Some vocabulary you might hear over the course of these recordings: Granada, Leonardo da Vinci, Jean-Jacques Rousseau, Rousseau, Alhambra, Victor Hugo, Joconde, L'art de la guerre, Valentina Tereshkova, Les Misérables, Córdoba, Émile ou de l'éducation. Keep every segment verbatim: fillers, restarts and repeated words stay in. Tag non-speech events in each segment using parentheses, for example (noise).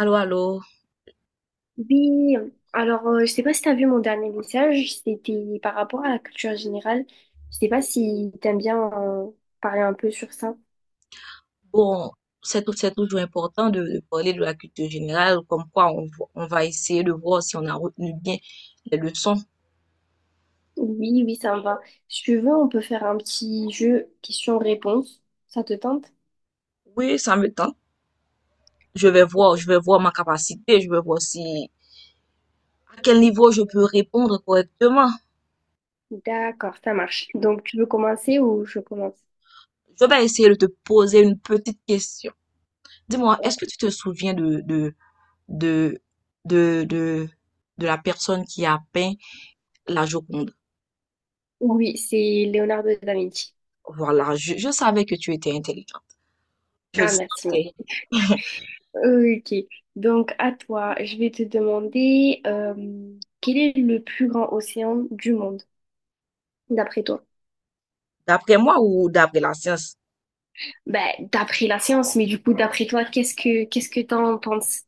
Allô, allô. Oui, alors euh, je sais pas si tu as vu mon dernier message, c'était par rapport à la culture générale. Je sais pas si t'aimes bien euh, parler un peu sur ça. Bon, c'est tout- c'est toujours important de, de parler de la culture générale, comme quoi on, vo- on va essayer de voir si on a retenu bien les leçons. Oui, oui, ça me va. Si tu veux, on peut faire un petit jeu question-réponse. Ça te tente? Oui, ça me tente. Je vais voir, je vais voir ma capacité. Je vais voir si à quel niveau je peux répondre correctement. D'accord, ça marche. Donc tu veux commencer ou je commence? Je vais essayer de te poser une petite question. Dis-moi, Euh, est-ce que tu te souviens de, de, de, de, de, de la personne qui a peint la Joconde? Oui, c'est Leonardo da Vinci. Voilà, je, je savais que tu étais intelligent. Je le Ah, merci. sentais. Ok, donc à toi, je vais te demander euh, quel est le plus grand océan du monde, d'après toi? D'après moi ou d'après la science? Ben, d'après la science, mais du coup, d'après toi, qu'est-ce que qu'est-ce que t'en penses?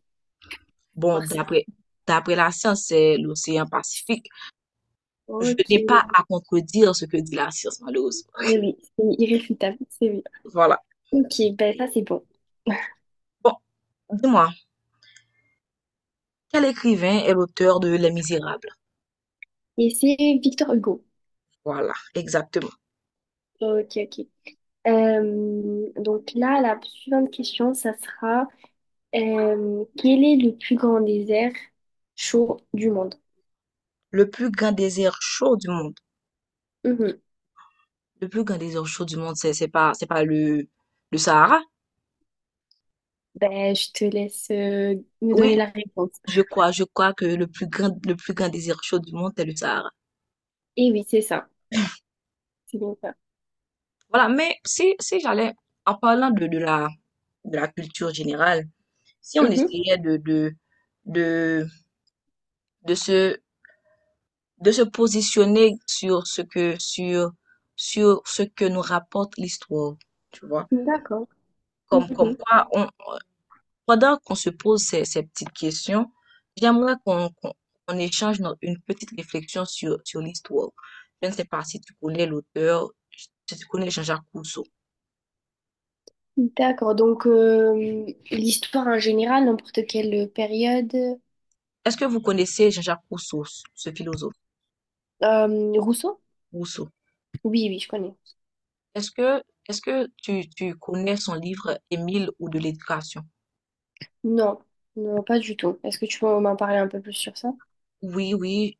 Bon, Voir si- d'après d'après la science, c'est l'océan Pacifique. Je Ok, n'ai oui, pas à contredire ce que dit la science, malheureusement. oui, c'est irréfutable, c'est oui. Voilà. Ok, ben ça c'est bon. (laughs) Bon, dis-moi, quel écrivain est l'auteur de Les Misérables? Et c'est Victor Hugo. Voilà, exactement. Ok, ok. Euh, donc là, la suivante question, ça sera euh, quel est le plus grand désert chaud du monde? Le plus grand désert chaud du monde. Mhm. Le plus grand désert chaud du monde, c'est c'est pas c'est pas le le Sahara? Ben, je te laisse euh, me donner Oui, la réponse. je crois, je crois que le plus grand le plus grand désert chaud du monde, c'est le Sahara. Et oui, c'est ça. C'est bien ça. Voilà, mais si si j'allais en parlant de, de la de la culture générale. Si on Mhm. essayait de, de, de, de se, de se positionner sur ce que, sur, sur ce que nous rapporte l'histoire, tu vois. D'accord. Comme, comme Mhm. quoi, on, pendant qu'on se pose ces, ces petites questions, j'aimerais qu'on qu'on, qu'on échange no- une petite réflexion sur, sur l'histoire. Je ne sais pas si tu connais l'auteur, si tu connais Jean-Jacques Rousseau. D'accord, donc euh, l'histoire en général, n'importe quelle période. Est-ce que vous connaissez Jean-Jacques Rousseau, ce ce philosophe Euh, Rousseau? Rousseau? Oui, oui, je connais. Est-ce que, est-ce que tu, tu connais son livre Émile ou de l'éducation? Non, non, pas du tout. Est-ce que tu peux m'en parler un peu plus sur ça? Oui, oui,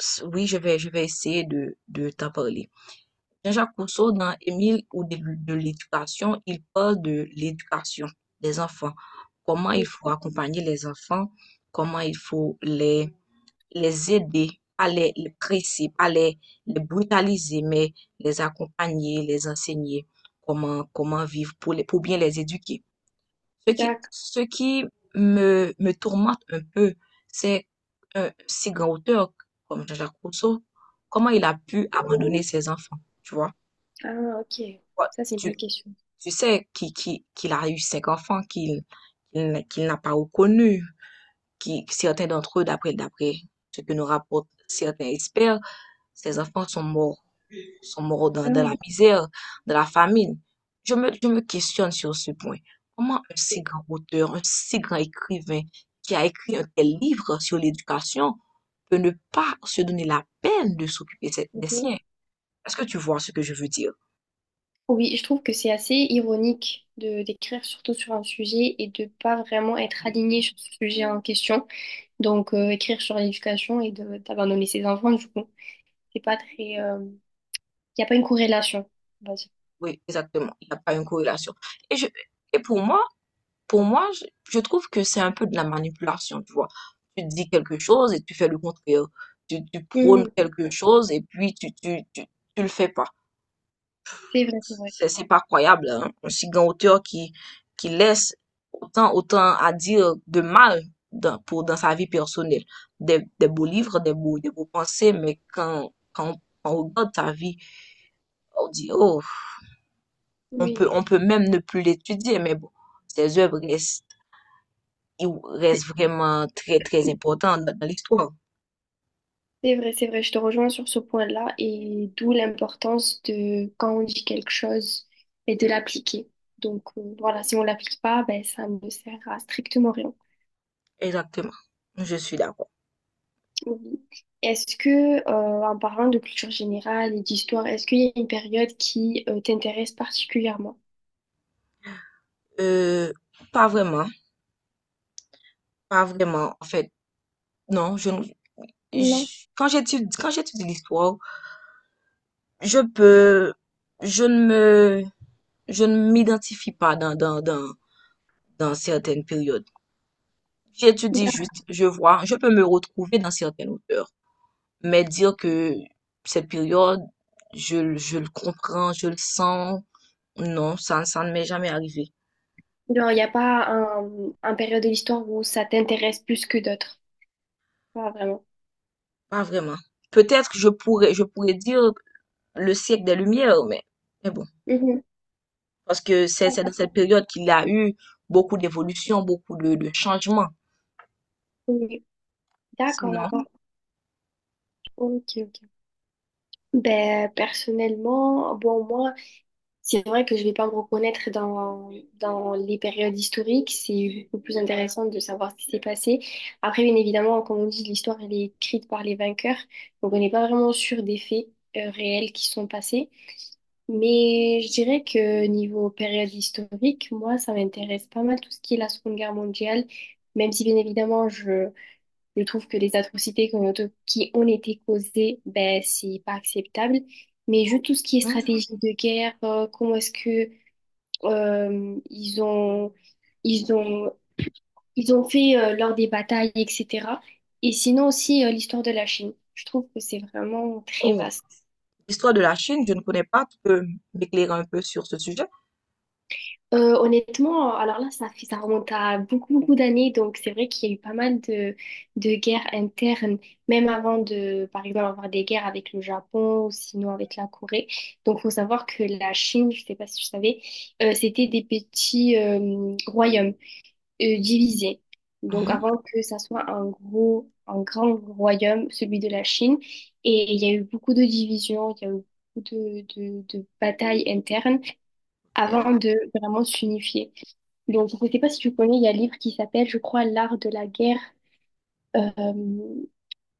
s- oui, je vais, je vais essayer de, de t'en parler. Jean-Jacques Rousseau, dans Émile au début de l'éducation, il parle de l'éducation des enfants. Comment il faut accompagner les enfants, comment il faut les, les aider, pas les, les presser, pas les, les brutaliser, mais les accompagner, les enseigner comment, comment vivre pour les, pour bien les éduquer. Ce qui, D'accord. ce qui me, me tourmente un peu, c'est un si grand auteur comme Jean-Jacques Rousseau, comment il a pu abandonner ses enfants, tu vois? Ah, ok. Ouais. Ça, c'est une Tu, bonne question. tu sais qu'il qu'il- qu'il a eu cinq enfants qu'il qu'il n'a qu'il n'a pas reconnus, qui certains d'entre eux, d'après d'après ce que nous rapportent certains experts, ses enfants sont morts sont morts dans, dans la Ah, misère, dans la famine. Je me, je me questionne sur ce point. Comment un si ok. grand auteur, un si grand écrivain qui a écrit un tel livre sur l'éducation peut ne pas se donner la peine de s'occuper de ses- des Mhm. siens? Est-ce que tu vois ce que je veux dire? Oui, je trouve que c'est assez ironique de d'écrire surtout sur un sujet et de pas vraiment être aligné sur ce sujet en question. Donc, euh, écrire sur l'éducation et de d'abandonner ses enfants, du coup, c'est pas très. euh, Il n'y a pas une corrélation, on va dire. Oui, exactement. Il n'y a pas une corrélation. Et, je, et pour moi, pour moi, je, je trouve que c'est un peu de la manipulation, tu vois. Tu dis quelque chose et tu fais le contraire. Tu, tu prônes quelque chose et puis tu, tu, tu, tu le fais pas. C'est vrai, c'est vrai. C'est c'est pas croyable, hein. Un si grand auteur qui, qui laisse autant, autant à dire de mal dans, pour, dans sa vie personnelle. Des, des beaux livres, des beaux, des beaux pensées, mais quand, quand on regarde sa vie, on dit, oh, on Oui, peut, on peut même ne plus l'étudier, mais bon, ses œuvres restent, ils c'est restent vraiment très, très importantes dans dans l'histoire. c'est vrai, c'est vrai. Je te rejoins sur ce point-là et d'où l'importance de quand on dit quelque chose et de l'appliquer. Donc euh, voilà, si on l'applique pas, ben ça ne sert à strictement rien. Exactement. Je suis d'accord. Oui. Est-ce que, euh, en parlant de culture générale et d'histoire, est-ce qu'il y a une période qui euh, t'intéresse particulièrement? Euh, Pas vraiment, pas vraiment. En fait, non, je, ne- Non. je- quand j'étudie, quand j'étudie l'histoire, Je peux, je ne me, je ne m'identifie pas dans, dans, dans, dans certaines périodes. J'étudie D'accord. juste, je vois, je peux me retrouver dans certaines auteurs. Mais dire que cette période, je, je le comprends, je le sens, non, ça, ça ne m'est jamais arrivé. Non, il n'y a pas un, un période de l'histoire où ça t'intéresse plus que d'autres. Pas vraiment. Pas vraiment. Peut-être que je pourrais, je pourrais dire le siècle des Lumières, mais, mais bon. Mhm. Parce que c'est, c'est dans cette période qu'il y a eu beaucoup d'évolution, beaucoup de, de changements. Oui. D'accord, Sinon, d'accord. Ok, ok. Ben, personnellement, bon, moi, c'est vrai que je vais pas me reconnaître dans, dans les périodes historiques. C'est beaucoup plus intéressant de savoir ce qui s'est passé. Après, bien évidemment, comme on dit, l'histoire, elle est écrite par les vainqueurs. Donc, on n'est pas vraiment sûr des faits, euh, réels qui sont passés. Mais je dirais que niveau période historique, moi, ça m'intéresse pas mal tout ce qui est la Seconde Guerre mondiale. Même si, bien évidemment, je, je trouve que les atrocités qui ont qui ont été causées, ben, c'est pas acceptable. Mais juste tout ce qui est hmm, stratégie de guerre, euh, comment est-ce que euh, ils ont, ils ont, ils ont fait euh, lors des batailles, et cætera. Et sinon aussi euh, l'histoire de la Chine. Je trouve que c'est vraiment très oh. vaste. l'histoire de la Chine, je ne connais pas. Tu peux m'éclairer un peu sur ce sujet? Euh, honnêtement, alors là, ça fait, ça remonte à beaucoup, beaucoup d'années. Donc, c'est vrai qu'il y a eu pas mal de, de guerres internes, même avant de, par exemple, avoir des guerres avec le Japon ou sinon avec la Corée. Donc, faut savoir que la Chine, je sais pas si je savais, euh, c'était des petits euh, royaumes euh, divisés. Donc, Mhm. avant que ça soit un gros, un grand royaume, celui de la Chine. Et il y a eu beaucoup de divisions, il y a eu beaucoup de, de, de batailles internes avant Ok. de vraiment s'unifier. Donc, je ne sais pas si tu connais, il y a un livre qui s'appelle, je crois, L'art de la guerre. Euh,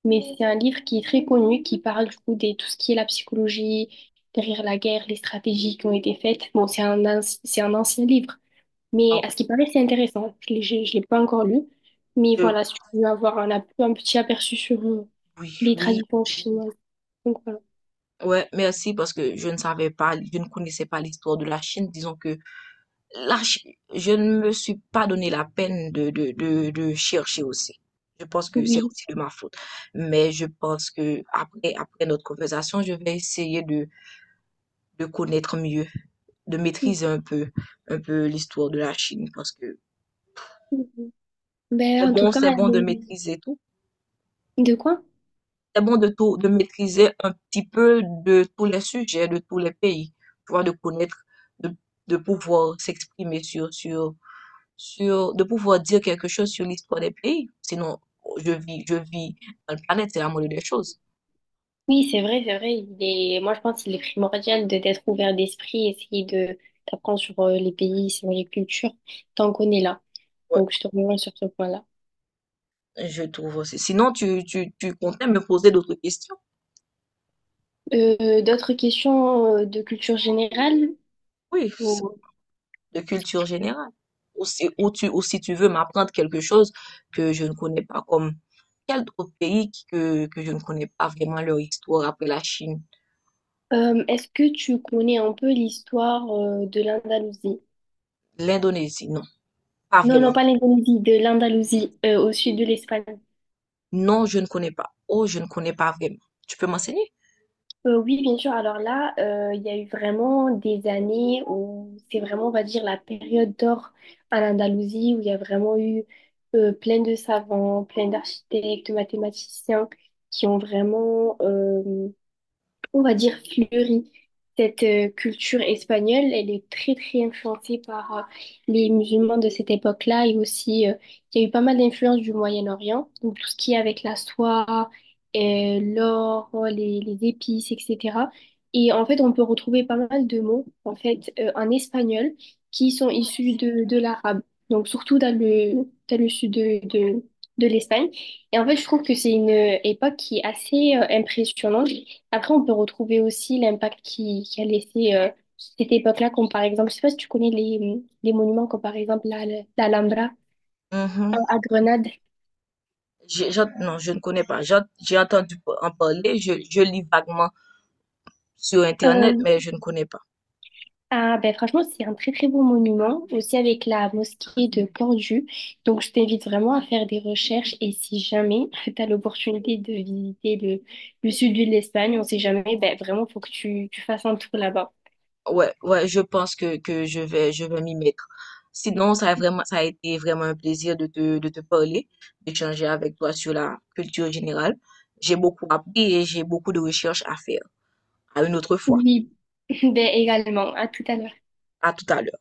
mais c'est un livre qui est très connu, qui parle du coup de tout ce qui est la psychologie derrière la guerre, les stratégies qui ont été faites. Bon, c'est un, anci- c'est un ancien livre, mais Ah, à ce qui paraît, c'est intéressant. Je ne l'ai j'ai- je l'ai pas encore lu. Mais je- voilà, si tu veux avoir un, ap- un petit aperçu sur euh, oui, les oui, traditions chinoises. Donc voilà. ouais, merci parce que je ne savais pas, je ne connaissais pas l'histoire de la Chine. Disons que là, je, je ne me suis pas donné la peine de, de, de, de chercher aussi. Je pense que c'est Oui. aussi de ma faute. Mais je pense que après, après notre conversation, je vais essayer de, de connaître mieux, de maîtriser un peu, un peu l'histoire de la Chine. Parce que Mhm. c'est Ben, en tout bon, cas, c'est bon de euh, maîtriser tout. de quoi? C'est bon de tout, de maîtriser un petit peu de tous les sujets, de tous les pays. Tu vois, de connaître, de, de pouvoir s'exprimer sur, sur sur, de pouvoir dire quelque chose sur l'histoire des pays. Sinon, je vis, je vis dans le planète, c'est la moindre des choses. Oui, c'est vrai, c'est vrai. Il est... Moi, je pense qu'il est primordial de d'être ouvert d'esprit, essayer de d'apprendre sur euh, les pays, sur les cultures, tant qu'on est là. Ouais, Donc, je te rejoins sur ce point-là. je trouve aussi. Sinon, tu, tu, tu comptais me poser d'autres questions. Euh, d'autres questions euh, de culture générale? Oui, ça, Ou- de culture générale. Ou si, ou tu, ou si tu veux m'apprendre quelque chose que je ne connais pas, comme quel autre pays que, que je ne connais pas vraiment leur histoire après la Chine, Euh, est-ce que tu connais un peu l'histoire euh, de l'Andalousie? l'Indonésie, non, pas Non, vraiment. non, pas l'Indonésie, de l'Andalousie, euh, au sud de l'Espagne. Non, je ne connais pas. Oh, je ne connais pas vraiment. Tu peux m'enseigner? Euh, oui, bien sûr. Alors là, euh, il y a eu vraiment des années où c'est vraiment, on va dire, la période d'or en Andalousie, où il y a vraiment eu euh, plein de savants, plein d'architectes, mathématiciens qui ont vraiment euh, on va dire, fleurie. Cette euh, culture espagnole, elle est très très influencée par euh, les musulmans de cette époque-là et aussi euh, il y a eu pas mal d'influences du Moyen-Orient, donc tout ce qui est avec la soie, euh, l'or, les, les épices, et cætera. Et en fait, on peut retrouver pas mal de mots en fait euh, en espagnol qui sont issus de, de l'arabe, donc surtout dans le, dans le sud de, de, de l'Espagne. Et en fait, je trouve que c'est une euh, époque qui est assez euh, impressionnante après, on peut retrouver aussi l'impact qui, qui a laissé euh, cette époque-là, comme par exemple, je sais pas si tu connais les, les monuments, comme par exemple la, l'Alhambra euh, Mhm. à Grenade. J'ai- j'en- non, je ne connais pas. J'en- J'ai entendu en parler, je, je lis vaguement sur Internet, Euh, mais je ne connais pas. ah, ben, franchement, c'est un très très beau monument, aussi avec la mosquée de Cordoue. Donc, je t'invite vraiment à faire des recherches et si jamais (laughs) tu as l'opportunité de visiter le, le sud de l'Espagne, on sait jamais, ben, vraiment, faut que tu, tu fasses un tour là-bas. Ouais, ouais, je pense que, que je vais, je vais m'y mettre. Sinon, ça a vraiment, ça a été vraiment un plaisir de te, de te parler, d'échanger avec toi sur la culture générale. J'ai beaucoup appris et j'ai beaucoup de recherches à faire. À une autre fois. Oui, (laughs) ben, également. À tout à l'heure. À tout à l'heure.